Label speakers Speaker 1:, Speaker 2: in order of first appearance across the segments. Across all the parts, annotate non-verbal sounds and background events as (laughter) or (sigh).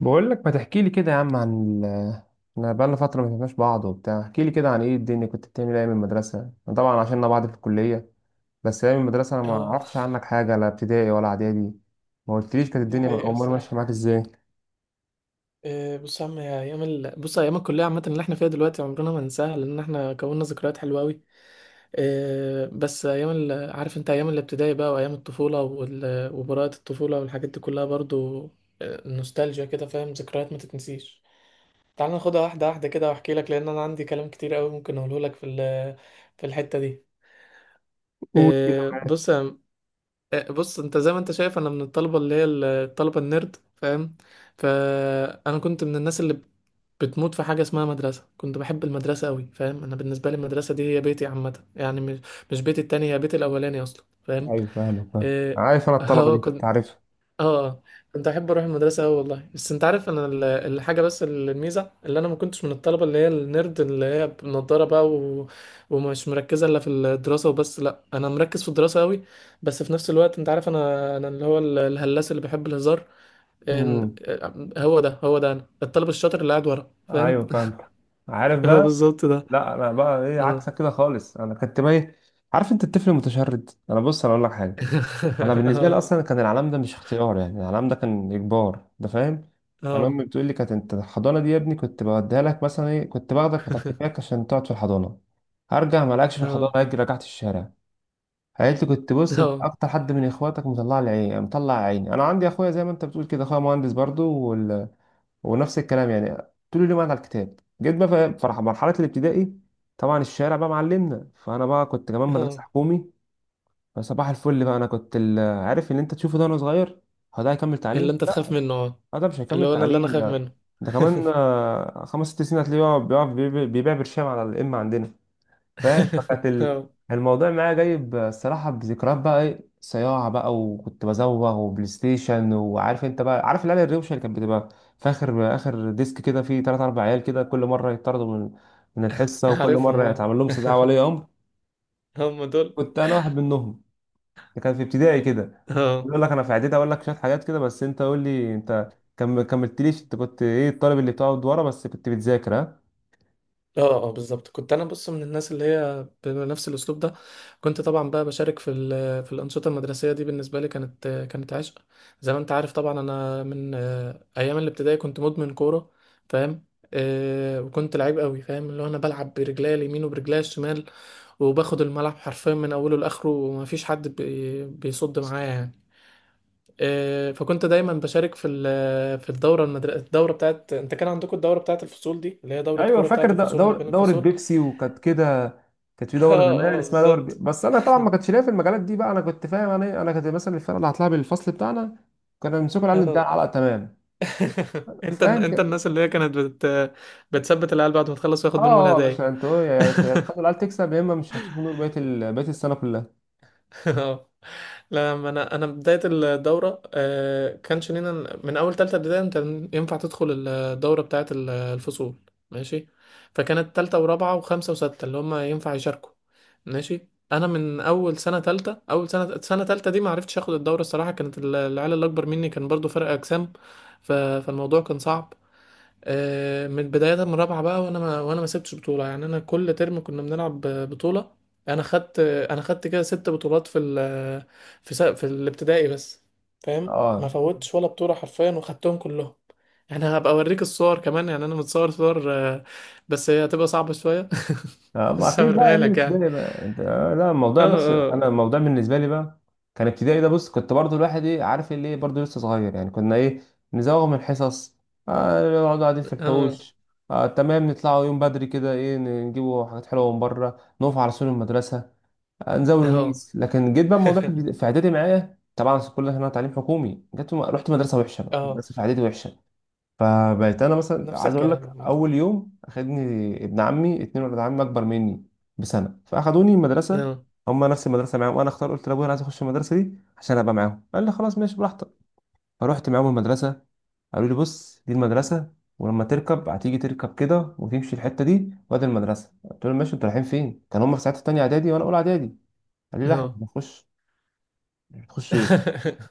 Speaker 1: بقول لك ما تحكي لي كده يا عم عن ال... انا بقالنا فتره ما شفناش بعض وبتاع، احكي لي كده عن ايه الدنيا، كنت بتعمل ايه من المدرسه؟ أنا طبعا عشاننا بعض في الكليه، بس ايام المدرسه انا ما
Speaker 2: اه.
Speaker 1: عرفتش عنك حاجه، لا ابتدائي ولا اعدادي. ما قلتليش كانت
Speaker 2: دي
Speaker 1: الدنيا
Speaker 2: حقيقة
Speaker 1: امال
Speaker 2: الصراحة.
Speaker 1: ماشيه معاك ازاي؟
Speaker 2: بص يا عم، بص ايام الكلية عامة اللي احنا فيها دلوقتي عمرنا ما ننساها، لان احنا كوننا ذكريات حلوة قوي. بس ايام عارف انت ايام الابتدائي بقى، وايام الطفولة، وبراءة الطفولة والحاجات دي كلها برضو. نوستالجيا كده، فاهم؟ ذكريات ما تتنسيش. تعال ناخدها واحدة واحدة كده واحكي لك، لان انا عندي كلام كتير قوي ممكن اقوله لك في في الحتة دي.
Speaker 1: قول كده.
Speaker 2: آه، بص بص انت زي ما انت شايف انا من الطلبه اللي هي الطلبه النيرد، فاهم؟ فانا كنت من الناس اللي بتموت في حاجه اسمها مدرسه. كنت بحب المدرسه قوي، فاهم؟ انا بالنسبه لي المدرسه دي هي بيتي عامه، يعني مش بيتي التاني، هي بيتي الاولاني اصلا، فاهم؟
Speaker 1: ايوه فاهم،
Speaker 2: اه.
Speaker 1: عارف انا
Speaker 2: (laughs)
Speaker 1: الطلبه دي، أنت
Speaker 2: كنت.
Speaker 1: عارفها.
Speaker 2: اه، كنت احب اروح المدرسه أوي والله. بس انت عارف انا الحاجه، بس الميزه اللي انا ما كنتش من الطلبه اللي هي النيرد اللي هي بنضاره بقى ومش مركزه الا في الدراسه وبس، لا انا مركز في الدراسه قوي بس في نفس الوقت. انت عارف انا، اللي هو الهلاس اللي بيحب الهزار. إن-
Speaker 1: امم.
Speaker 2: هو ده، هو ده انا الطالب الشاطر اللي قاعد ورا، فاهم؟
Speaker 1: ايوه فاهم. عارف
Speaker 2: (laughs) هو
Speaker 1: بقى.
Speaker 2: بالظبط ده.
Speaker 1: لا انا بقى ايه؟
Speaker 2: اه.
Speaker 1: عكسك كده خالص. انا كنت بقى إيه؟ عارف انت الطفل المتشرد. انا بص، انا اقول لك حاجه. انا
Speaker 2: (laughs)
Speaker 1: بالنسبه لي
Speaker 2: اه.
Speaker 1: اصلا كان العلام ده مش اختيار، يعني العلام ده كان اجبار ده، فاهم. انا
Speaker 2: اه.
Speaker 1: امي بتقول لي كانت انت الحضانه دي يا ابني كنت بوديها لك، مثلا ايه، كنت باخدك مكتفاك عشان تقعد في الحضانه، هرجع ما لقاكش في الحضانه،
Speaker 2: اه.
Speaker 1: اجي رجعت الشارع. قالت لي كنت بص أنت
Speaker 2: اه.
Speaker 1: اكتر حد من اخواتك مطلع لي عيني، مطلع عيني. انا عندي اخويا زي ما انت بتقول كده، اخويا مهندس برضو وال... ونفس الكلام يعني، طول اليوم قاعد على الكتاب. جيت بقى في مرحله الابتدائي، طبعا الشارع بقى معلمنا، فانا بقى كنت كمان
Speaker 2: اه
Speaker 1: مدرسه حكومي. فصباح الفل بقى، انا كنت ال- عارف اللي انت تشوفه ده وانا صغير، هو ده هيكمل تعليم؟
Speaker 2: اللي انت تخاف
Speaker 1: لا.
Speaker 2: منه، اه
Speaker 1: آه، ده مش
Speaker 2: اللي
Speaker 1: هيكمل
Speaker 2: هو انا اللي انا
Speaker 1: تعليم
Speaker 2: خايف
Speaker 1: ده.
Speaker 2: منه.
Speaker 1: ده كمان خمس ست سنين هتلاقيه بيبيع برشام على الام عندنا. فاهم؟ فكانت
Speaker 2: (laughs) اه
Speaker 1: الموضوع معايا جايب الصراحه بذكريات بقى، ايه صياعه بقى، وكنت بزوغ وبلاي ستيشن. وعارف انت بقى، عارف العيال الروشه اللي كانت بتبقى في اخر ديسك كده، فيه ثلاث اربع عيال كده كل مره يطردوا من من الحصه، وكل
Speaker 2: عارفهم،
Speaker 1: مره
Speaker 2: اه
Speaker 1: يتعمل لهم استدعاء ولي امر.
Speaker 2: هم دول.
Speaker 1: كنت انا واحد منهم. ده كان في ابتدائي كده.
Speaker 2: اه.
Speaker 1: بيقول لك انا في اعدادي اقول لك شويه حاجات كده، بس انت قول لي انت، كم كملتليش. انت كنت ايه؟ الطالب اللي بتقعد ورا، بس كنت بتذاكر؟ ها.
Speaker 2: اه. اه بالظبط، كنت انا بص من الناس اللي هي بنفس الاسلوب ده. كنت طبعا بقى بشارك في في الانشطه المدرسيه دي. بالنسبه لي كانت عشق. زي ما انت عارف طبعا انا من ايام الابتدائي كنت مدمن كوره، فاهم؟ وكنت لعيب قوي، فاهم؟ اللي هو انا بلعب برجليا اليمين وبرجليا الشمال، وباخد الملعب حرفيا من اوله لاخره ومفيش حد بيصد معايا يعني. فكنت دايما بشارك في في الدوره المدرسه، الدوره بتاعت، انت كان عندكم الدوره بتاعت الفصول دي اللي هي دوره
Speaker 1: ايوه
Speaker 2: كوره
Speaker 1: فاكر
Speaker 2: بتاعت الفصول، ما
Speaker 1: دور
Speaker 2: بين
Speaker 1: دوره
Speaker 2: الفصول. (laughs)
Speaker 1: بيبسي، وكانت كده. كانت في
Speaker 2: اه.
Speaker 1: دوره زمان
Speaker 2: اه
Speaker 1: اسمها دوره بي...
Speaker 2: بالظبط.
Speaker 1: بس انا طبعا ما كانش ليا في المجالات دي بقى، انا كنت فاهم، انا إيه، انا كنت مثلا الفرقه اللي هطلع بالفصل بتاعنا، كنا بنمسكوا العيال اللي بتاع
Speaker 2: اه.
Speaker 1: العلقه، تمام؟
Speaker 2: (laughs) انت،
Speaker 1: فاهم كده.
Speaker 2: الناس اللي هي كانت بتثبت العيال بعد ما تخلص وياخد
Speaker 1: اه،
Speaker 2: منهم
Speaker 1: اه يا
Speaker 2: الهدايا.
Speaker 1: باشا، انتوا يا
Speaker 2: (laughs)
Speaker 1: تخلوا العيال تكسب، يا اما مش هتشوفوا نور بقيه بقيه السنه كلها.
Speaker 2: (laughs) اه. لا ما انا، انا بدايه الدوره كانش لينا. من اول تالتة ابتدائي انت ينفع تدخل الدوره بتاعه الفصول، ماشي؟ فكانت تالتة ورابعه وخمسه وسته اللي هم ينفع يشاركوا. ماشي، انا من اول سنه تالتة، اول سنه، سنه تالتة دي ما عرفتش اخد الدوره الصراحه، كانت العيال اللي اكبر مني كان برضو فرق اجسام، فالموضوع كان صعب. من بداية، من رابعة بقى، وانا ما سبتش بطولة، يعني انا كل ترم كنا بنلعب بطولة. انا خدت كده ست بطولات في في في الابتدائي بس، فاهم؟ ما
Speaker 1: اه.
Speaker 2: فوتش ولا بطولة حرفيا وخدتهم كلهم، يعني هبقى اوريك الصور كمان. يعني انا متصور صور بس هي هتبقى صعبة شوية. (laughs)
Speaker 1: ما
Speaker 2: بس
Speaker 1: اكيد بقى
Speaker 2: هوريها
Speaker 1: ايام
Speaker 2: لك يعني.
Speaker 1: الابتدائي بقى انت، لا
Speaker 2: اه.
Speaker 1: الموضوع، بس انا
Speaker 2: اه.
Speaker 1: الموضوع بالنسبه لي بقى، كان ابتدائي ده بص، كنت برضو الواحد ايه، عارف اللي ايه، برضو لسه صغير يعني، كنا ايه، نزوغ من الحصص، نقعد قاعدين في
Speaker 2: اه.
Speaker 1: الحوش، آه تمام، نطلعوا يوم بدري كده ايه، نجيبوا حاجات حلوه من بره، نقف على سور المدرسه، آه نزاولوا
Speaker 2: اه.
Speaker 1: ميس. لكن جيت بقى الموضوع في اعدادي معايا، طبعا كلنا هنا تعليم حكومي، رحت مدرسه وحشه بقى،
Speaker 2: اه.
Speaker 1: مدرسه في اعدادي وحشه. فبقيت انا
Speaker 2: (laughs)
Speaker 1: مثلا،
Speaker 2: نفس
Speaker 1: عايز اقول
Speaker 2: الكلام
Speaker 1: لك،
Speaker 2: عامة.
Speaker 1: اول يوم اخدني ابن عمي، اتنين ولاد عمي اكبر مني بسنه، فاخدوني المدرسه.
Speaker 2: اه.
Speaker 1: هم نفس المدرسه معاهم، وانا اختار قلت لابويا انا عايز اخش المدرسه دي عشان ابقى معاهم، قال لي خلاص ماشي براحتك. فروحت معاهم المدرسه، قالوا لي بص دي المدرسه، ولما تركب هتيجي تركب كده وتمشي الحته دي، وادي المدرسه. قلت لهم ماشي، انتوا رايحين فين؟ كان هم في ساعتها تانية اعدادي وانا اولى اعدادي. قالوا لي لا احنا مش
Speaker 2: اه.
Speaker 1: بنخش. مش بتخشوا ايه؟
Speaker 2: (laughs)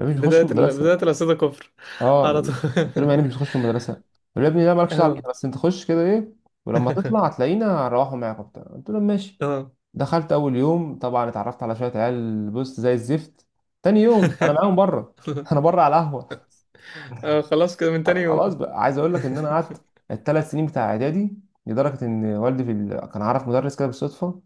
Speaker 1: مش بنخش
Speaker 2: بداية بداية
Speaker 1: المدرسه.
Speaker 2: الأسئلة كفر
Speaker 1: اه.
Speaker 2: على طول.
Speaker 1: قلت لهم يعني مش
Speaker 2: (laughs)
Speaker 1: بتخش المدرسه؟ قالوا يا ابني لا، مالكش دعوه
Speaker 2: اه.
Speaker 1: بينا، بس انت خش كده ايه، ولما تطلع
Speaker 2: (laughs)
Speaker 1: هتلاقينا هنروحوا معاك وبتاع. قلت لهم ماشي.
Speaker 2: اه.
Speaker 1: دخلت اول يوم طبعا اتعرفت على شويه عيال بص زي الزفت. تاني يوم انا
Speaker 2: (laughs)
Speaker 1: معاهم بره (laughs) انا بره على القهوه.
Speaker 2: اه خلاص كده من تاني
Speaker 1: خلاص
Speaker 2: يوم.
Speaker 1: بقى، عايز اقول
Speaker 2: (laughs)
Speaker 1: لك ان انا قعدت الثلاث سنين بتاع اعدادي، لدرجه ان والدي في ال... كان عارف مدرس كده بالصدفه،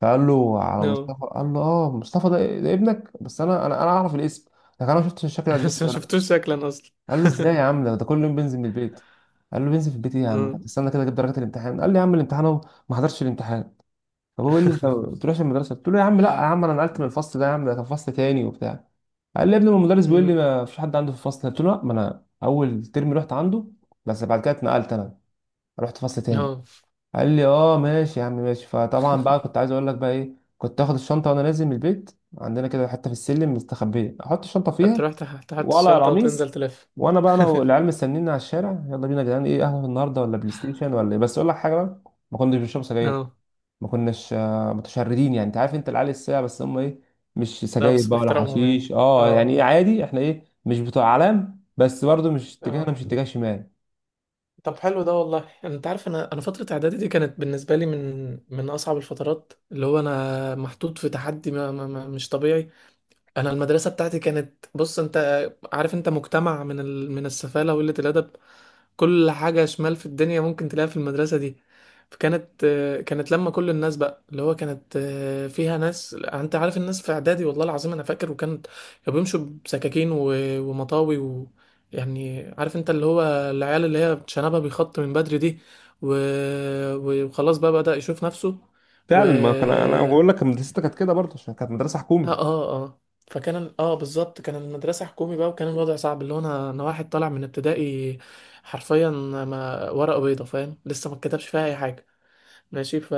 Speaker 1: فقال له على
Speaker 2: اه.
Speaker 1: مصطفى، قال له اه مصطفى ده، ده ابنك، بس انا انا اعرف الاسم لكن انا ما شفتش الشكل ده.
Speaker 2: بس ما شفتوش شكلا اصلا.
Speaker 1: قال له ازاي يا
Speaker 2: (laughs)
Speaker 1: عم؟ ده ده كل يوم بنزل من البيت. قال له بنزل في البيت ايه يا عم؟
Speaker 2: اه.
Speaker 1: هتستنى كده اجيب درجات الامتحان. قال لي يا عم الامتحان اهو، ما حضرتش الامتحان. فبقول قال لي انت ما بتروحش المدرسه، قلت له يا عم لا يا عم، انا نقلت من الفصل ده يا عم، ده كان فصل تاني وبتاع. قال لي يا ابني، ما المدرس بيقول لي
Speaker 2: أمم.
Speaker 1: ما فيش حد عنده في الفصل، قلت له لا، ما انا اول ترم رحت عنده، بس بعد كده اتنقلت انا، رحت فصل تاني.
Speaker 2: اه
Speaker 1: قال لي اه ماشي يا عم ماشي. فطبعا بقى كنت عايز اقول لك بقى ايه، كنت اخد الشنطه وانا نازل من البيت عندنا كده حته في السلم مستخبيه، احط الشنطه فيها
Speaker 2: تروح تحط
Speaker 1: وقلع
Speaker 2: الشنطة وتنزل
Speaker 1: القميص،
Speaker 2: تلف.
Speaker 1: وانا بقى، انا
Speaker 2: (laughs)
Speaker 1: والعيال مستنيني على الشارع، يلا بينا يا جدعان، ايه قهوه النهارده ولا بلاي ستيشن ولا ايه؟ بس اقول لك حاجه بقى، ما كناش بنشرب سجاير،
Speaker 2: اه.
Speaker 1: ما كناش متشردين يعني، انت عارف انت العيال الساعه بس هم ايه، مش
Speaker 2: لا
Speaker 1: سجاير
Speaker 2: بس
Speaker 1: بقى ولا
Speaker 2: باحترامهم يعني.
Speaker 1: حشيش، اه يعني
Speaker 2: اه.
Speaker 1: ايه، عادي، احنا ايه مش بتوع اعلام، بس برضو مش اتجاهنا،
Speaker 2: اه.
Speaker 1: مش اتجاه شمال.
Speaker 2: طب حلو، ده والله انت عارف انا، انا فترة اعدادي دي كانت بالنسبة لي من اصعب الفترات. اللي هو انا محطوط في تحدي ما ما ما مش طبيعي. انا المدرسة بتاعتي كانت، بص انت عارف انت، مجتمع من من السفالة وقلة الادب. كل حاجة شمال في الدنيا ممكن تلاقيها في المدرسة دي. فكانت كانت لما كل الناس بقى، اللي هو كانت فيها ناس، انت عارف الناس في اعدادي، والله العظيم انا فاكر، كانوا بيمشوا بسكاكين ومطاوي، و يعني عارف انت اللي هو العيال اللي هي شنبها بيخط من بدري دي و... وخلاص بقى بدأ يشوف نفسه و...
Speaker 1: فعلا، ما كان انا بقول لك مدرستي كانت كده برضه عشان كانت مدرسه حكومي.
Speaker 2: اه. اه. اه فكان، اه بالظبط، كان المدرسة حكومي بقى وكان الوضع صعب. اللي هو انا، انا واحد طالع من ابتدائي حرفيا، ما ورقة بيضة، فاهم؟ لسه ما اتكتبش فيها اي حاجة، ماشي؟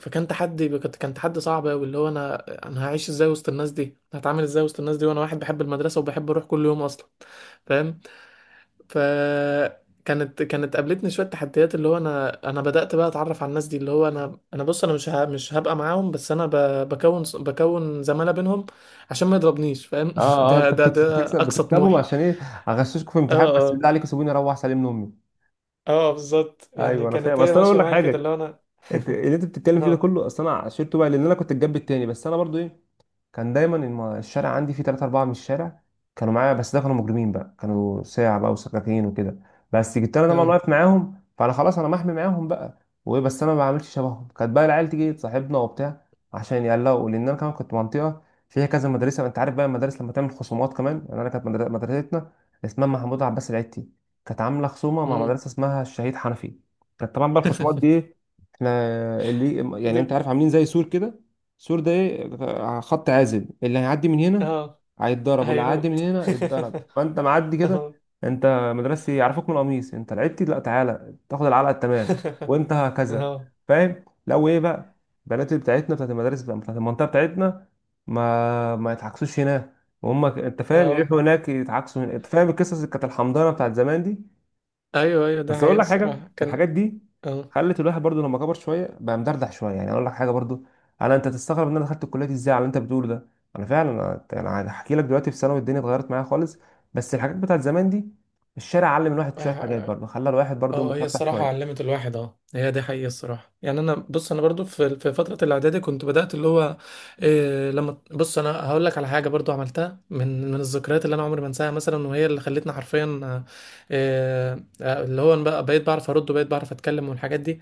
Speaker 2: فكان تحدي، كان تحدي صعب قوي، اللي هو انا، انا هعيش ازاي وسط الناس دي، هتعامل ازاي وسط الناس دي وانا واحد بحب المدرسة وبحب اروح كل يوم اصلا، فاهم؟ فكانت قابلتني شويه تحديات. اللي هو انا، انا بدات بقى اتعرف على الناس دي، اللي هو انا انا بص انا مش مش هبقى معاهم، بس انا بكون، زماله بينهم عشان ما يضربنيش، فاهم؟
Speaker 1: اه
Speaker 2: (laughs)
Speaker 1: اه،
Speaker 2: ده
Speaker 1: انت بتكسب
Speaker 2: اقصى
Speaker 1: بتكسبهم
Speaker 2: طموحي.
Speaker 1: عشان ايه، اغششكم في
Speaker 2: اه.
Speaker 1: امتحان، بس
Speaker 2: اه.
Speaker 1: بالله عليكم سيبوني اروح سلم لامي.
Speaker 2: اه بالظبط، يعني
Speaker 1: ايوه، انا فاهم،
Speaker 2: كانت هي
Speaker 1: اصل انا اقول
Speaker 2: ماشيه
Speaker 1: لك
Speaker 2: معايا كده
Speaker 1: حاجه،
Speaker 2: اللي هو انا.
Speaker 1: انت اللي انت بتتكلم فيه ده
Speaker 2: اه.
Speaker 1: كله اصل انا عشرته بقى، لان انا كنت الجنب التاني، بس انا برضو ايه، كان دايما الشارع عندي فيه تلاتة أربعة من الشارع كانوا معايا، بس ده كانوا مجرمين بقى، كانوا ساعة بقى وسكاكين وكده، بس جبت أنا طبعا
Speaker 2: اه.
Speaker 1: واقف معاهم، فأنا خلاص أنا محمي معاهم بقى. وإيه، بس أنا ما بعملش شبههم، كانت بقى العيال تيجي تصاحبنا وبتاع عشان يقلقوا، لأن أنا كمان كنت منطقة فيها كذا مدرسة. أنت عارف بقى المدارس لما تعمل خصومات كمان، يعني أنا كانت مدرستنا اسمها محمود عباس العتي، كانت عاملة خصومة مع
Speaker 2: امم.
Speaker 1: مدرسة اسمها الشهيد حنفي. كانت طبعا بقى الخصومات دي إيه؟ احنا اللي يعني
Speaker 2: دب.
Speaker 1: انت عارف عاملين زي سور كده، السور ده ايه، خط عازل، اللي هيعدي من هنا
Speaker 2: اه.
Speaker 1: هيتضرب، واللي هيعدي من
Speaker 2: هيموت.
Speaker 1: هنا يتضرب. فانت معدي
Speaker 2: (laughs)
Speaker 1: كده،
Speaker 2: اه.
Speaker 1: انت مدرستي، يعرفوك من القميص انت، لعبتي لا، تعالى تاخد العلقه التمام.
Speaker 2: (laughs)
Speaker 1: وانت هكذا.
Speaker 2: اه.
Speaker 1: فاهم؟ لو ايه بقى، البنات اللي بتاعتنا بتاعت المدارس بقى، بتاعت المنطقه بتاعتنا، ما يتعكسوش هناك، وهم انت فاهم
Speaker 2: اه
Speaker 1: يروحوا هناك يتعكسوا هنا، انت فاهم القصص اللي كانت الحمضانه بتاعت زمان دي.
Speaker 2: ايوه ايوه ده
Speaker 1: بس اقول
Speaker 2: حقيقة
Speaker 1: لك حاجه،
Speaker 2: الصراحة كان.
Speaker 1: الحاجات دي خلت الواحد برضو لما كبر شويه بقى مدردح شويه يعني. اقول لك حاجه برضو، انا انت تستغرب ان انا دخلت الكليه دي ازاي على اللي انت بتقوله ده. انا فعلا، أنا هحكي لك دلوقتي في ثانوي الدنيا اتغيرت معايا خالص، بس الحاجات بتاعت زمان دي، الشارع علم الواحد شويه حاجات
Speaker 2: اه.
Speaker 1: برضو، خلى الواحد برضو
Speaker 2: اه هي
Speaker 1: متفتح
Speaker 2: الصراحة
Speaker 1: شويه.
Speaker 2: علمت الواحد، اه هي دي حقيقة الصراحة. يعني انا بص، انا برضو في فترة الاعدادي كنت بدأت اللي هو إيه. لما بص انا هقول لك على حاجة برضو عملتها من الذكريات اللي انا عمري ما انساها مثلا، وهي اللي خلتني حرفيا إيه. اللي هو أنا بقى بقيت بعرف ارد وبقيت بعرف اتكلم والحاجات دي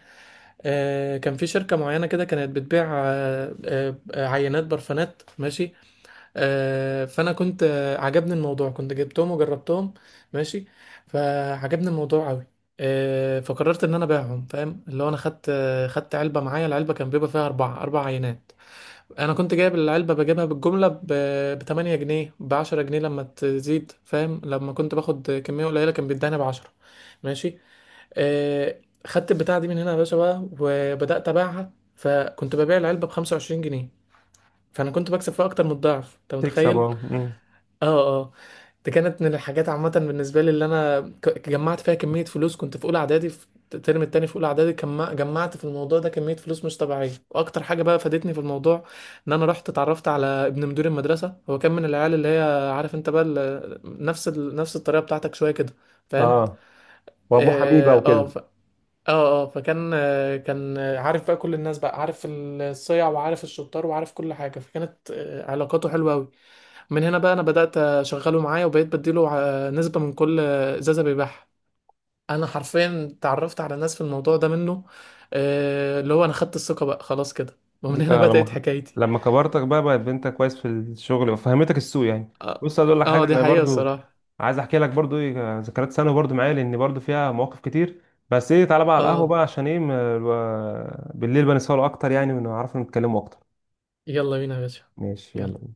Speaker 2: إيه. كان في شركة معينة كده كانت بتبيع عينات برفانات، ماشي. فانا كنت، عجبني الموضوع، كنت جبتهم وجربتهم، ماشي. فعجبني الموضوع قوي. فقررت ان انا ابيعهم، فاهم؟ اللي هو انا خدت، خدت علبه معايا. العلبه كان بيبقى فيها اربعه، اربع عينات. انا كنت جايب العلبه، بجيبها بالجمله ب 8 جنيه، ب 10 جنيه لما تزيد، فاهم؟ لما كنت باخد كميه قليله كان بيداني ب 10، ماشي. آه، خدت البتاعه دي من هنا يا باشا بقى وبدات ابيعها. فكنت ببيع العلبه ب 25 جنيه، فانا كنت بكسب فيها اكتر من الضعف، انت
Speaker 1: تكسب
Speaker 2: متخيل؟
Speaker 1: اه. مم.
Speaker 2: اه. اه. ده كانت من الحاجات عامة بالنسبة لي اللي انا جمعت فيها كمية فلوس. كنت في اولى اعدادي في الترم التاني. في اولى اعدادي جمعت في الموضوع ده كمية فلوس مش طبيعية. واكتر حاجة بقى فادتني في الموضوع ان انا رحت اتعرفت على ابن مدير المدرسة. هو كان من العيال اللي هي، عارف انت بقى نفس نفس الطريقة بتاعتك شوية كده، فاهم؟
Speaker 1: اه، وابوه حميبه
Speaker 2: اه. اه.
Speaker 1: وكده.
Speaker 2: اه. اه فكان كان عارف بقى كل الناس بقى، عارف الصيع وعارف الشطار وعارف كل حاجة. فكانت علاقاته حلوة أوي. من هنا بقى انا بدات اشغله معايا وبقيت بديله نسبه من كل ازازه بيبيعها. انا حرفيا تعرفت على ناس في الموضوع ده منه. اللي هو انا خدت الثقه بقى خلاص كده، ومن
Speaker 1: ديك-
Speaker 2: هنا
Speaker 1: آه،
Speaker 2: بدات
Speaker 1: لما
Speaker 2: حكايتي.
Speaker 1: لما كبرتك بقى، بقت بنتك كويس في الشغل، وفهمتك السوق يعني.
Speaker 2: اه.
Speaker 1: بص عايز اقول لك حاجه،
Speaker 2: دي
Speaker 1: انا
Speaker 2: حقيقه
Speaker 1: برضو
Speaker 2: الصراحه.
Speaker 1: عايز احكي لك برضو ايه ذكريات ثانوي برضو معايا، لان برضو فيها مواقف كتير. بس ايه، تعالى بقى على القهوه
Speaker 2: اه.
Speaker 1: بقى عشان ايه بالليل بنسهروا اكتر يعني، ونعرف نتكلموا اكتر.
Speaker 2: يلا بينا يا باشا.
Speaker 1: ماشي
Speaker 2: يلا.
Speaker 1: يلا.